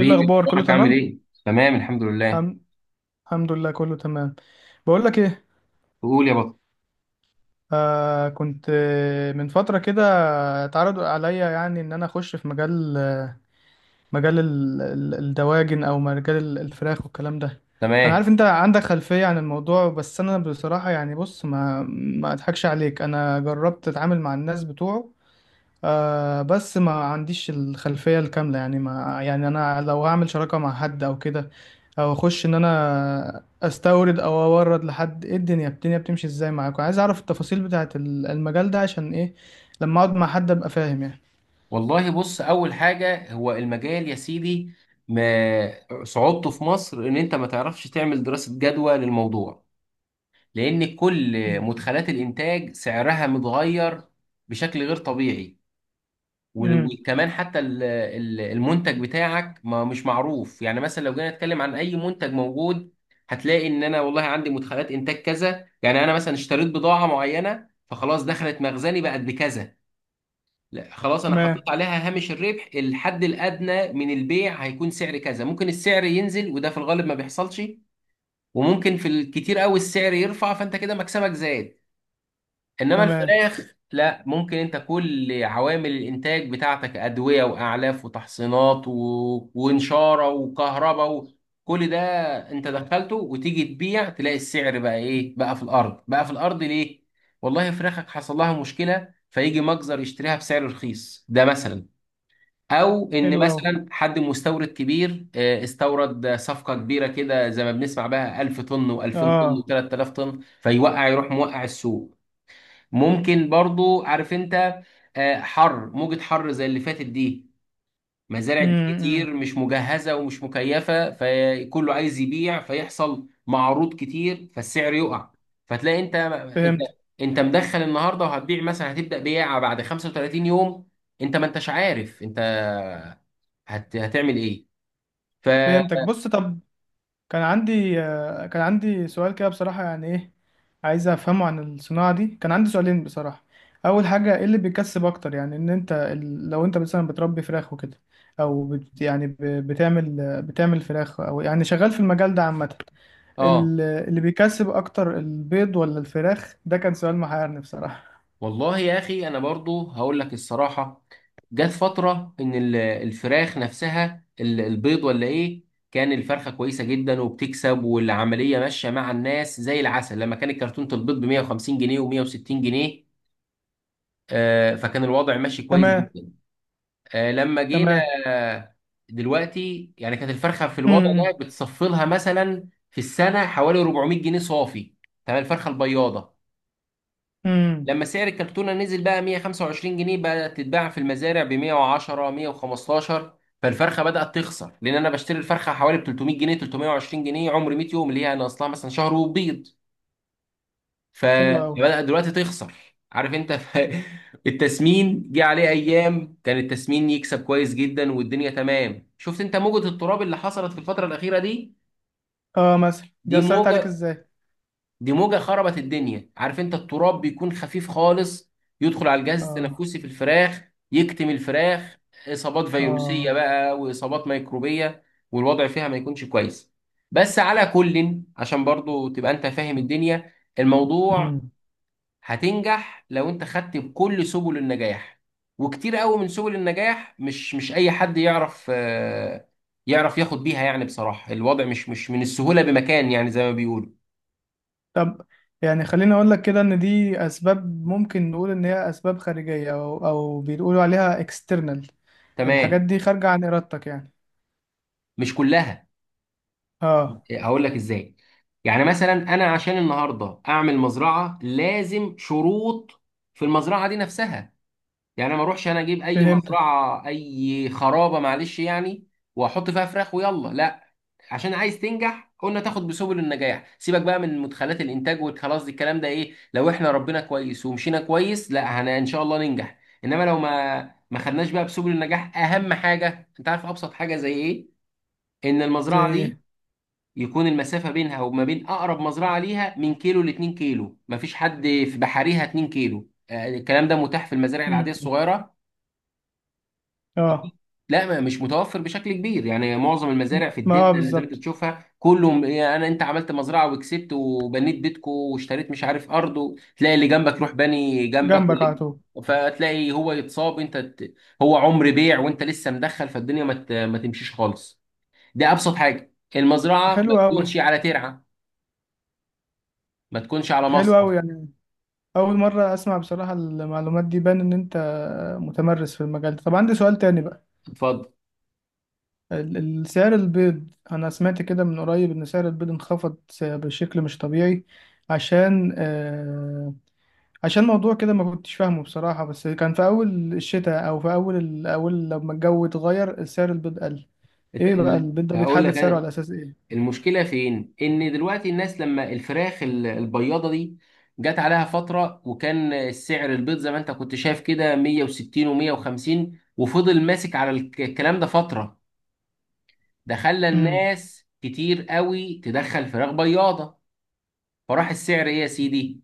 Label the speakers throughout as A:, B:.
A: ايه الاخبار، كله
B: اخبارك عامل
A: تمام.
B: ايه؟ تمام الحمد لله.
A: الحم- الحمد لله، كله تمام. بقول لك ايه.
B: قول يا بطل.
A: آه، كنت من فتره كده اتعرض عليا يعني ان انا اخش في مجال الدواجن او مجال الفراخ والكلام ده. انا
B: تمام،
A: عارف انت عندك خلفيه عن الموضوع، بس انا بصراحه يعني بص، ما اضحكش عليك، انا جربت اتعامل مع الناس بتوعه. آه، بس ما عنديش الخلفية الكاملة، يعني ما يعني أنا لو هعمل شراكة مع حد أو كده، أو أخش إن أنا أستورد أو أورد لحد، إيه الدنيا بتمشي إزاي معاكم؟ عايز أعرف التفاصيل بتاعة المجال ده عشان إيه، لما أقعد مع حد أبقى فاهم يعني.
B: والله بص اول حاجه هو المجال يا سيدي ما صعوبته في مصر ان انت ما تعرفش تعمل دراسه جدوى للموضوع لان كل
A: مم.
B: مدخلات الانتاج سعرها متغير بشكل غير طبيعي. و-
A: امم.
B: وكمان حتى المنتج بتاعك ما مش معروف، يعني مثلا لو جينا نتكلم عن اي منتج موجود هتلاقي ان انا والله عندي مدخلات انتاج كذا، يعني انا مثلا اشتريت بضاعة معينة فخلاص دخلت مخزني بقت بكذا، لا خلاص انا
A: تمام.
B: حطيت عليها هامش الربح الحد الادنى من البيع هيكون سعر كذا، ممكن السعر ينزل وده في الغالب ما بيحصلش، وممكن في الكتير قوي السعر يرفع فانت كده مكسبك زاد. انما
A: تمام.
B: الفراخ لا، ممكن انت كل عوامل الانتاج بتاعتك ادويه واعلاف وتحصينات ونشاره وكهرباء كل ده انت دخلته وتيجي تبيع تلاقي السعر بقى ايه، بقى في الارض. بقى في الارض ليه؟ والله فراخك حصل لها مشكله فيجي مجزر يشتريها بسعر رخيص، ده مثلا. او ان
A: حلو أوي.
B: مثلا حد مستورد كبير استورد صفقه كبيره كده زي ما بنسمع بقى 1000 طن و2000 طن
A: آه.
B: و3000 طن، فيوقع يروح موقع السوق. ممكن برضو، عارف انت، حر، موجة حر زي اللي فاتت دي، مزارع
A: امم.
B: كتير مش مجهزة ومش مكيفة فكله عايز يبيع فيحصل معروض كتير فالسعر يقع. فتلاقي
A: فهمت
B: انت مدخل النهارده وهتبيع مثلا، هتبدأ بيعة بعد 35 يوم، انت ما انتش عارف انت هتعمل ايه؟ ف
A: فهمتك بص، طب. كان عندي سؤال كده بصراحة، يعني ايه عايز افهمه عن الصناعة دي. كان عندي سؤالين بصراحة. اول حاجة، ايه اللي بيكسب اكتر؟ يعني ان انت لو انت مثلا بتربي فراخ وكده، او بتعمل فراخ، او يعني شغال في المجال ده عامة.
B: اه
A: اللي بيكسب اكتر، البيض ولا الفراخ؟ ده كان سؤال محيرني بصراحة.
B: والله يا اخي انا برضو هقول لك الصراحه، جت فتره ان الفراخ نفسها البيض ولا ايه، كان الفرخه كويسه جدا وبتكسب والعمليه ماشيه مع الناس زي العسل لما كانت كرتونه البيض ب 150 جنيه و160 جنيه، فكان الوضع ماشي كويس
A: تمام.
B: جدا. لما جينا
A: تمام.
B: آه، دلوقتي، يعني كانت الفرخه في
A: امم.
B: الوضع ده
A: امم.
B: بتصفلها مثلا في السنه حوالي 400 جنيه صافي، تمام، الفرخه البياضه.
A: إمم.
B: لما سعر الكرتونة نزل بقى 125 جنيه بدأت تتباع في المزارع ب 110 115، فالفرخة بدأت تخسر لأن أنا بشتري الفرخة حوالي ب 300 جنيه 320 جنيه عمر 100 يوم اللي هي أنا أصلها مثلا شهر وبيض. ف-
A: حلو قوي.
B: فبدأت دلوقتي تخسر، عارف أنت التسمين جه عليه أيام كان التسمين يكسب كويس جدا والدنيا تمام، شفت أنت موجة التراب اللي حصلت في الفترة الأخيرة دي،
A: اه، مثلا دي
B: دي
A: اثرت عليك
B: موجة،
A: ازاي؟
B: خربت الدنيا. عارف انت التراب بيكون خفيف خالص، يدخل على الجهاز
A: اه.
B: التنفسي في الفراخ، يكتم الفراخ، إصابات فيروسية
A: اه.
B: بقى وإصابات ميكروبية، والوضع فيها ما يكونش كويس. بس على كل، عشان برضو تبقى انت فاهم الدنيا، الموضوع
A: إمم.
B: هتنجح لو انت خدت بكل سبل النجاح، وكتير قوي من سبل النجاح مش اي حد يعرف يعرف ياخد بيها، يعني بصراحة الوضع مش مش من السهولة بمكان يعني زي ما بيقولوا.
A: طب يعني خليني اقول لك كده، ان دي اسباب ممكن نقول ان هي اسباب خارجيه، او بيقولوا عليها اكسترنال. الحاجات
B: تمام،
A: دي خارجه عن ارادتك يعني.
B: مش كلها.
A: اه.
B: هقول لك ازاي، يعني مثلا انا عشان النهارده اعمل مزرعه لازم شروط في المزرعه دي نفسها، يعني أنا ما اروحش انا اجيب اي
A: فهمتك.
B: مزرعه اي خرابه معلش يعني، واحط فيها فراخ ويلا لا، عشان عايز تنجح قلنا تاخد بسبل النجاح، سيبك بقى من مدخلات الانتاج والخلاص دي الكلام ده ايه، لو احنا ربنا كويس ومشينا كويس لا هن ان شاء الله ننجح، انما لو ما خدناش بقى بسبل النجاح، اهم حاجه انت عارف، ابسط حاجه زي ايه، ان
A: زي
B: المزرعه دي
A: ايه؟
B: يكون المسافة بينها وما بين أقرب مزرعة ليها من كيلو لاتنين كيلو، مفيش حد في بحريها اتنين كيلو، الكلام ده متاح في المزارع
A: مم.
B: العادية الصغيرة.
A: اه،
B: لا، مش متوفر بشكل كبير، يعني معظم المزارع في
A: ما
B: الدلتا اللي زي ما انت
A: بالظبط،
B: تشوفها كله، يعني انا انت عملت مزرعه وكسبت وبنيت بيتكو واشتريت مش عارف ارض تلاقي اللي جنبك روح بني جنبك
A: جنبك على
B: واللي،
A: طول.
B: فتلاقي هو يتصاب انت هو عمر بيع وانت لسه مدخل فالدنيا ما تمشيش خالص. ده ابسط حاجه، المزرعه
A: حلو
B: ما
A: قوي.
B: تكونش على ترعه، ما تكونش على
A: حلو قوي
B: مصرف.
A: يعني. اول مره اسمع بصراحه المعلومات دي، بان ان انت متمرس في المجال ده. طب عندي سؤال تاني بقى.
B: اتفضل.
A: سعر البيض، أنا سمعت كده من قريب إن سعر البيض انخفض بشكل مش طبيعي، عشان آه عشان موضوع كده ما كنتش فاهمه بصراحة، بس كان في أول الشتاء أو في أول أول لما الجو اتغير سعر البيض قل. إيه
B: إت-
A: بقى
B: ال-
A: البيض ده
B: هقول
A: بيتحدد
B: لك
A: سعره
B: انا
A: على أساس إيه؟
B: المشكله فين، ان دلوقتي الناس لما الفراخ البياضه دي جت عليها فتره وكان السعر البيض زي ما انت كنت شايف كده 160 و150، وفضل ماسك على الكلام ده فتره، ده خلى
A: امم.
B: الناس كتير قوي تدخل فراخ بياضه، فراح السعر ايه يا سيدي؟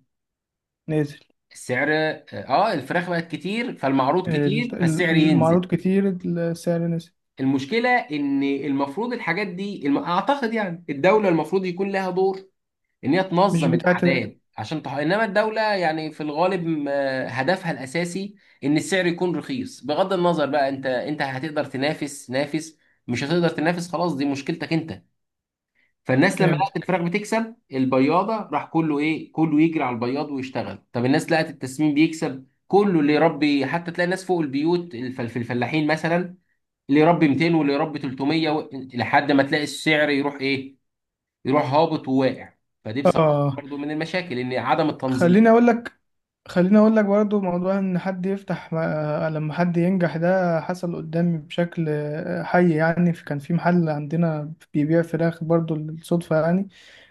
A: نازل.
B: السعر اه، الفراخ بقت كتير فالمعروض كتير فالسعر ينزل.
A: المعروض كتير السعر نزل.
B: المشكلة إن المفروض الحاجات دي أعتقد يعني الدولة المفروض يكون لها دور، إن هي
A: مش
B: تنظم
A: بتاعت.
B: الأعداد عشان إنما الدولة يعني في الغالب هدفها الأساسي إن السعر يكون رخيص، بغض النظر بقى أنت هتقدر تنافس نافس، مش هتقدر تنافس خلاص دي مشكلتك أنت. فالناس لما لقت
A: فهمتك.
B: الفراخ بتكسب البياضة راح كله إيه، كله يجري على البياض ويشتغل. طب الناس لقت التسمين بيكسب كله اللي يربي، حتى تلاقي ناس فوق البيوت في الفلاحين مثلا اللي يربي 200 واللي يربي 300 لحد ما تلاقي السعر يروح ايه، يروح هابط وواقع. فدي بصراحة
A: آه.
B: برضو من المشاكل، ان عدم التنظيم.
A: خليني اقول لك خليني اقول لك برضو، موضوع ان حد يفتح لما حد ينجح، ده حصل قدامي بشكل حي يعني. كان في محل عندنا بيبيع فراخ برضو بالصدفة يعني،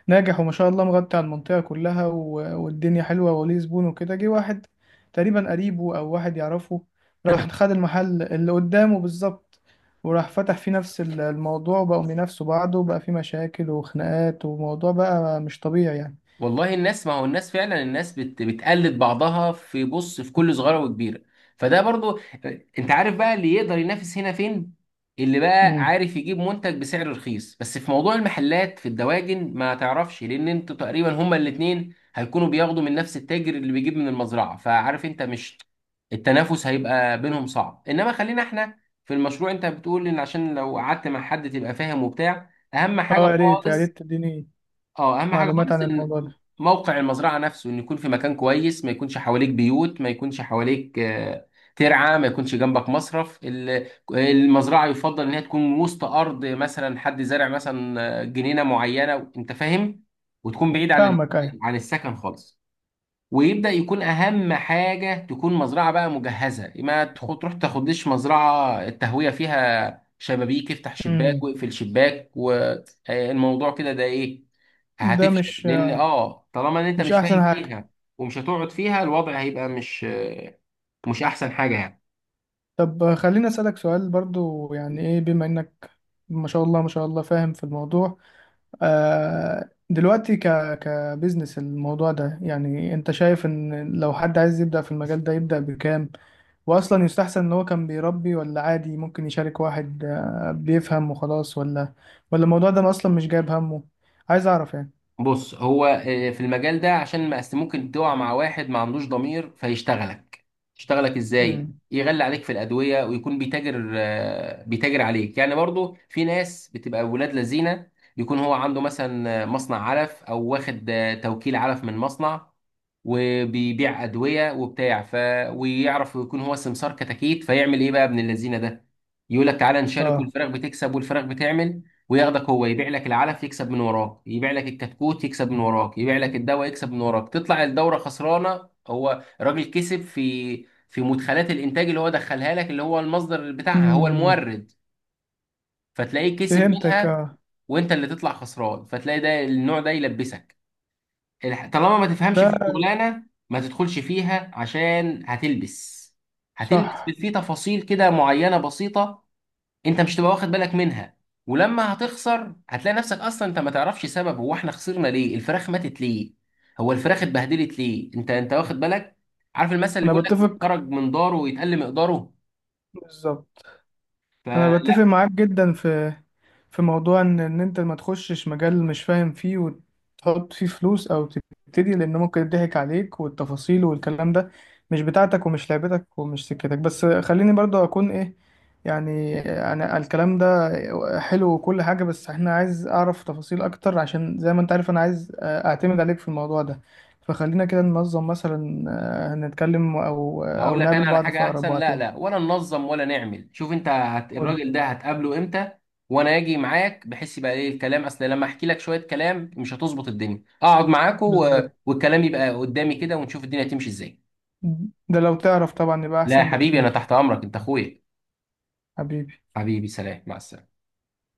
A: ناجح وما شاء الله مغطي على المنطقة كلها والدنيا حلوة وليه زبون وكده. جه واحد تقريبا قريبه او واحد يعرفه، راح خد المحل اللي قدامه بالظبط، وراح فتح فيه نفس الموضوع، وبقوا بينافسوا بعض وبقى فيه مشاكل وخناقات وموضوع بقى مش طبيعي
B: والله الناس، ما هو الناس فعلا الناس بتقلد بعضها في بص في كل صغيره وكبيره، فده برضو. انت عارف بقى اللي يقدر ينافس هنا فين؟ اللي بقى
A: يعني.
B: عارف يجيب منتج بسعر رخيص، بس في موضوع المحلات في الدواجن ما تعرفش لان انتوا تقريبا هما الاتنين هيكونوا بياخدوا من نفس التاجر اللي بيجيب من المزرعه، فعارف انت، مش التنافس هيبقى بينهم صعب. انما خلينا احنا في المشروع، انت بتقول ان عشان لو قعدت مع حد تبقى فاهم وبتاع، اهم حاجه
A: اه، يا ريت يا
B: خالص،
A: ريت تديني
B: اه، اهم حاجه
A: معلومات
B: خالص
A: عن
B: ان
A: الموضوع ده.
B: موقع المزرعه نفسه ان يكون في مكان كويس، ما يكونش حواليك بيوت، ما يكونش حواليك ترعه، ما يكونش جنبك مصرف، المزرعه يفضل ان هي تكون وسط ارض، مثلا حد زارع مثلا جنينه معينه انت فاهم، وتكون بعيد عن
A: فاهمك، ايوه.
B: عن السكن خالص. ويبدا يكون اهم حاجه تكون مزرعه بقى مجهزه، ما تخ- تروح تاخدش مزرعه التهويه فيها شبابيك افتح شباك
A: امم.
B: واقفل شباك والموضوع كده، ده ايه،
A: ده
B: هتفشل
A: مش
B: لان اه طالما ان انت
A: مش
B: مش
A: احسن
B: فاهم
A: حاجة.
B: فيها، ومش هتقعد فيها الوضع هيبقى مش احسن حاجه يعني.
A: طب خليني اسألك سؤال برضو، يعني ايه بما انك ما شاء الله ما شاء الله فاهم في الموضوع، دلوقتي كبزنس الموضوع ده، يعني انت شايف ان لو حد عايز يبدأ في المجال ده يبدأ بكام؟ واصلا يستحسن ان هو كان بيربي، ولا عادي ممكن يشارك واحد بيفهم وخلاص، ولا الموضوع ده اصلا مش جايب همه؟ عايز اعرف يعني.
B: بص هو في المجال ده عشان ما أست- ممكن تقع مع واحد ما عندوش ضمير فيشتغلك، يشتغلك ازاي،
A: امم.
B: يغلي عليك في الادويه ويكون بيتاجر بيتاجر عليك، يعني برضو في ناس بتبقى ولاد لذينه، يكون هو عنده مثلا مصنع علف او واخد توكيل علف من مصنع وبيبيع ادويه وبتاع ويعرف يكون هو سمسار كتاكيت، فيعمل ايه بقى ابن اللذينه ده، يقول لك تعالى نشارك
A: اه.
B: والفراخ بتكسب والفراخ بتعمل، وياخدك، هو يبيع لك العلف يكسب من وراك، يبيع لك الكتكوت يكسب من وراك، يبيع لك الدواء يكسب من وراك، تطلع الدورة خسرانة، هو راجل كسب في مدخلات الانتاج اللي هو دخلها لك اللي هو المصدر بتاعها، هو
A: مم.
B: المورد، فتلاقيه كسب
A: فهمتك.
B: منها،
A: اه.
B: وانت اللي تطلع خسران. فتلاقي ده، النوع ده يلبسك. طالما ما تفهمش في
A: ده.
B: الشغلانة ما تدخلش فيها عشان هتلبس، هتلبس في
A: صح.
B: في تفاصيل كده معينة بسيطة انت مش تبقى واخد بالك منها، ولما هتخسر هتلاقي نفسك اصلا انت ما تعرفش سبب، هو احنا خسرنا ليه، الفراخ ماتت ليه، هو الفراخ اتبهدلت ليه، انت واخد بالك، عارف المثل اللي
A: انا
B: بيقول لك
A: بتفق.
B: خرج من داره ويتقل مقداره،
A: بالظبط. انا
B: فلا.
A: بتفق معاك جدا في موضوع ان انت ما تخشش مجال مش فاهم فيه وتحط فيه فلوس او تبتدي، لان ممكن يضحك عليك، والتفاصيل والكلام ده مش بتاعتك ومش لعبتك ومش سكتك. بس خليني برضه اكون ايه يعني، انا الكلام ده حلو وكل حاجة، بس احنا عايز اعرف تفاصيل اكتر، عشان زي ما انت عارف انا عايز اعتمد عليك في الموضوع ده. فخلينا كده ننظم، مثلا هنتكلم او
B: هقول لك
A: نقابل
B: انا على
A: بعض في
B: حاجه
A: اقرب
B: احسن،
A: وقت
B: لا
A: يعني.
B: لا ولا ننظم ولا نعمل، شوف انت
A: قول.
B: الراجل ده هتقابله امتى، وانا اجي معاك بحس يبقى ايه الكلام، اصل لما احكي لك شويه كلام مش هتظبط الدنيا، اقعد معاكوا
A: بالظبط.
B: والكلام يبقى قدامي كده ونشوف الدنيا هتمشي ازاي.
A: ده لو تعرف طبعا يبقى
B: لا يا
A: احسن
B: حبيبي انا
A: بكتير.
B: تحت امرك انت اخويا،
A: حبيبي.
B: حبيبي، سلام، مع السلامة.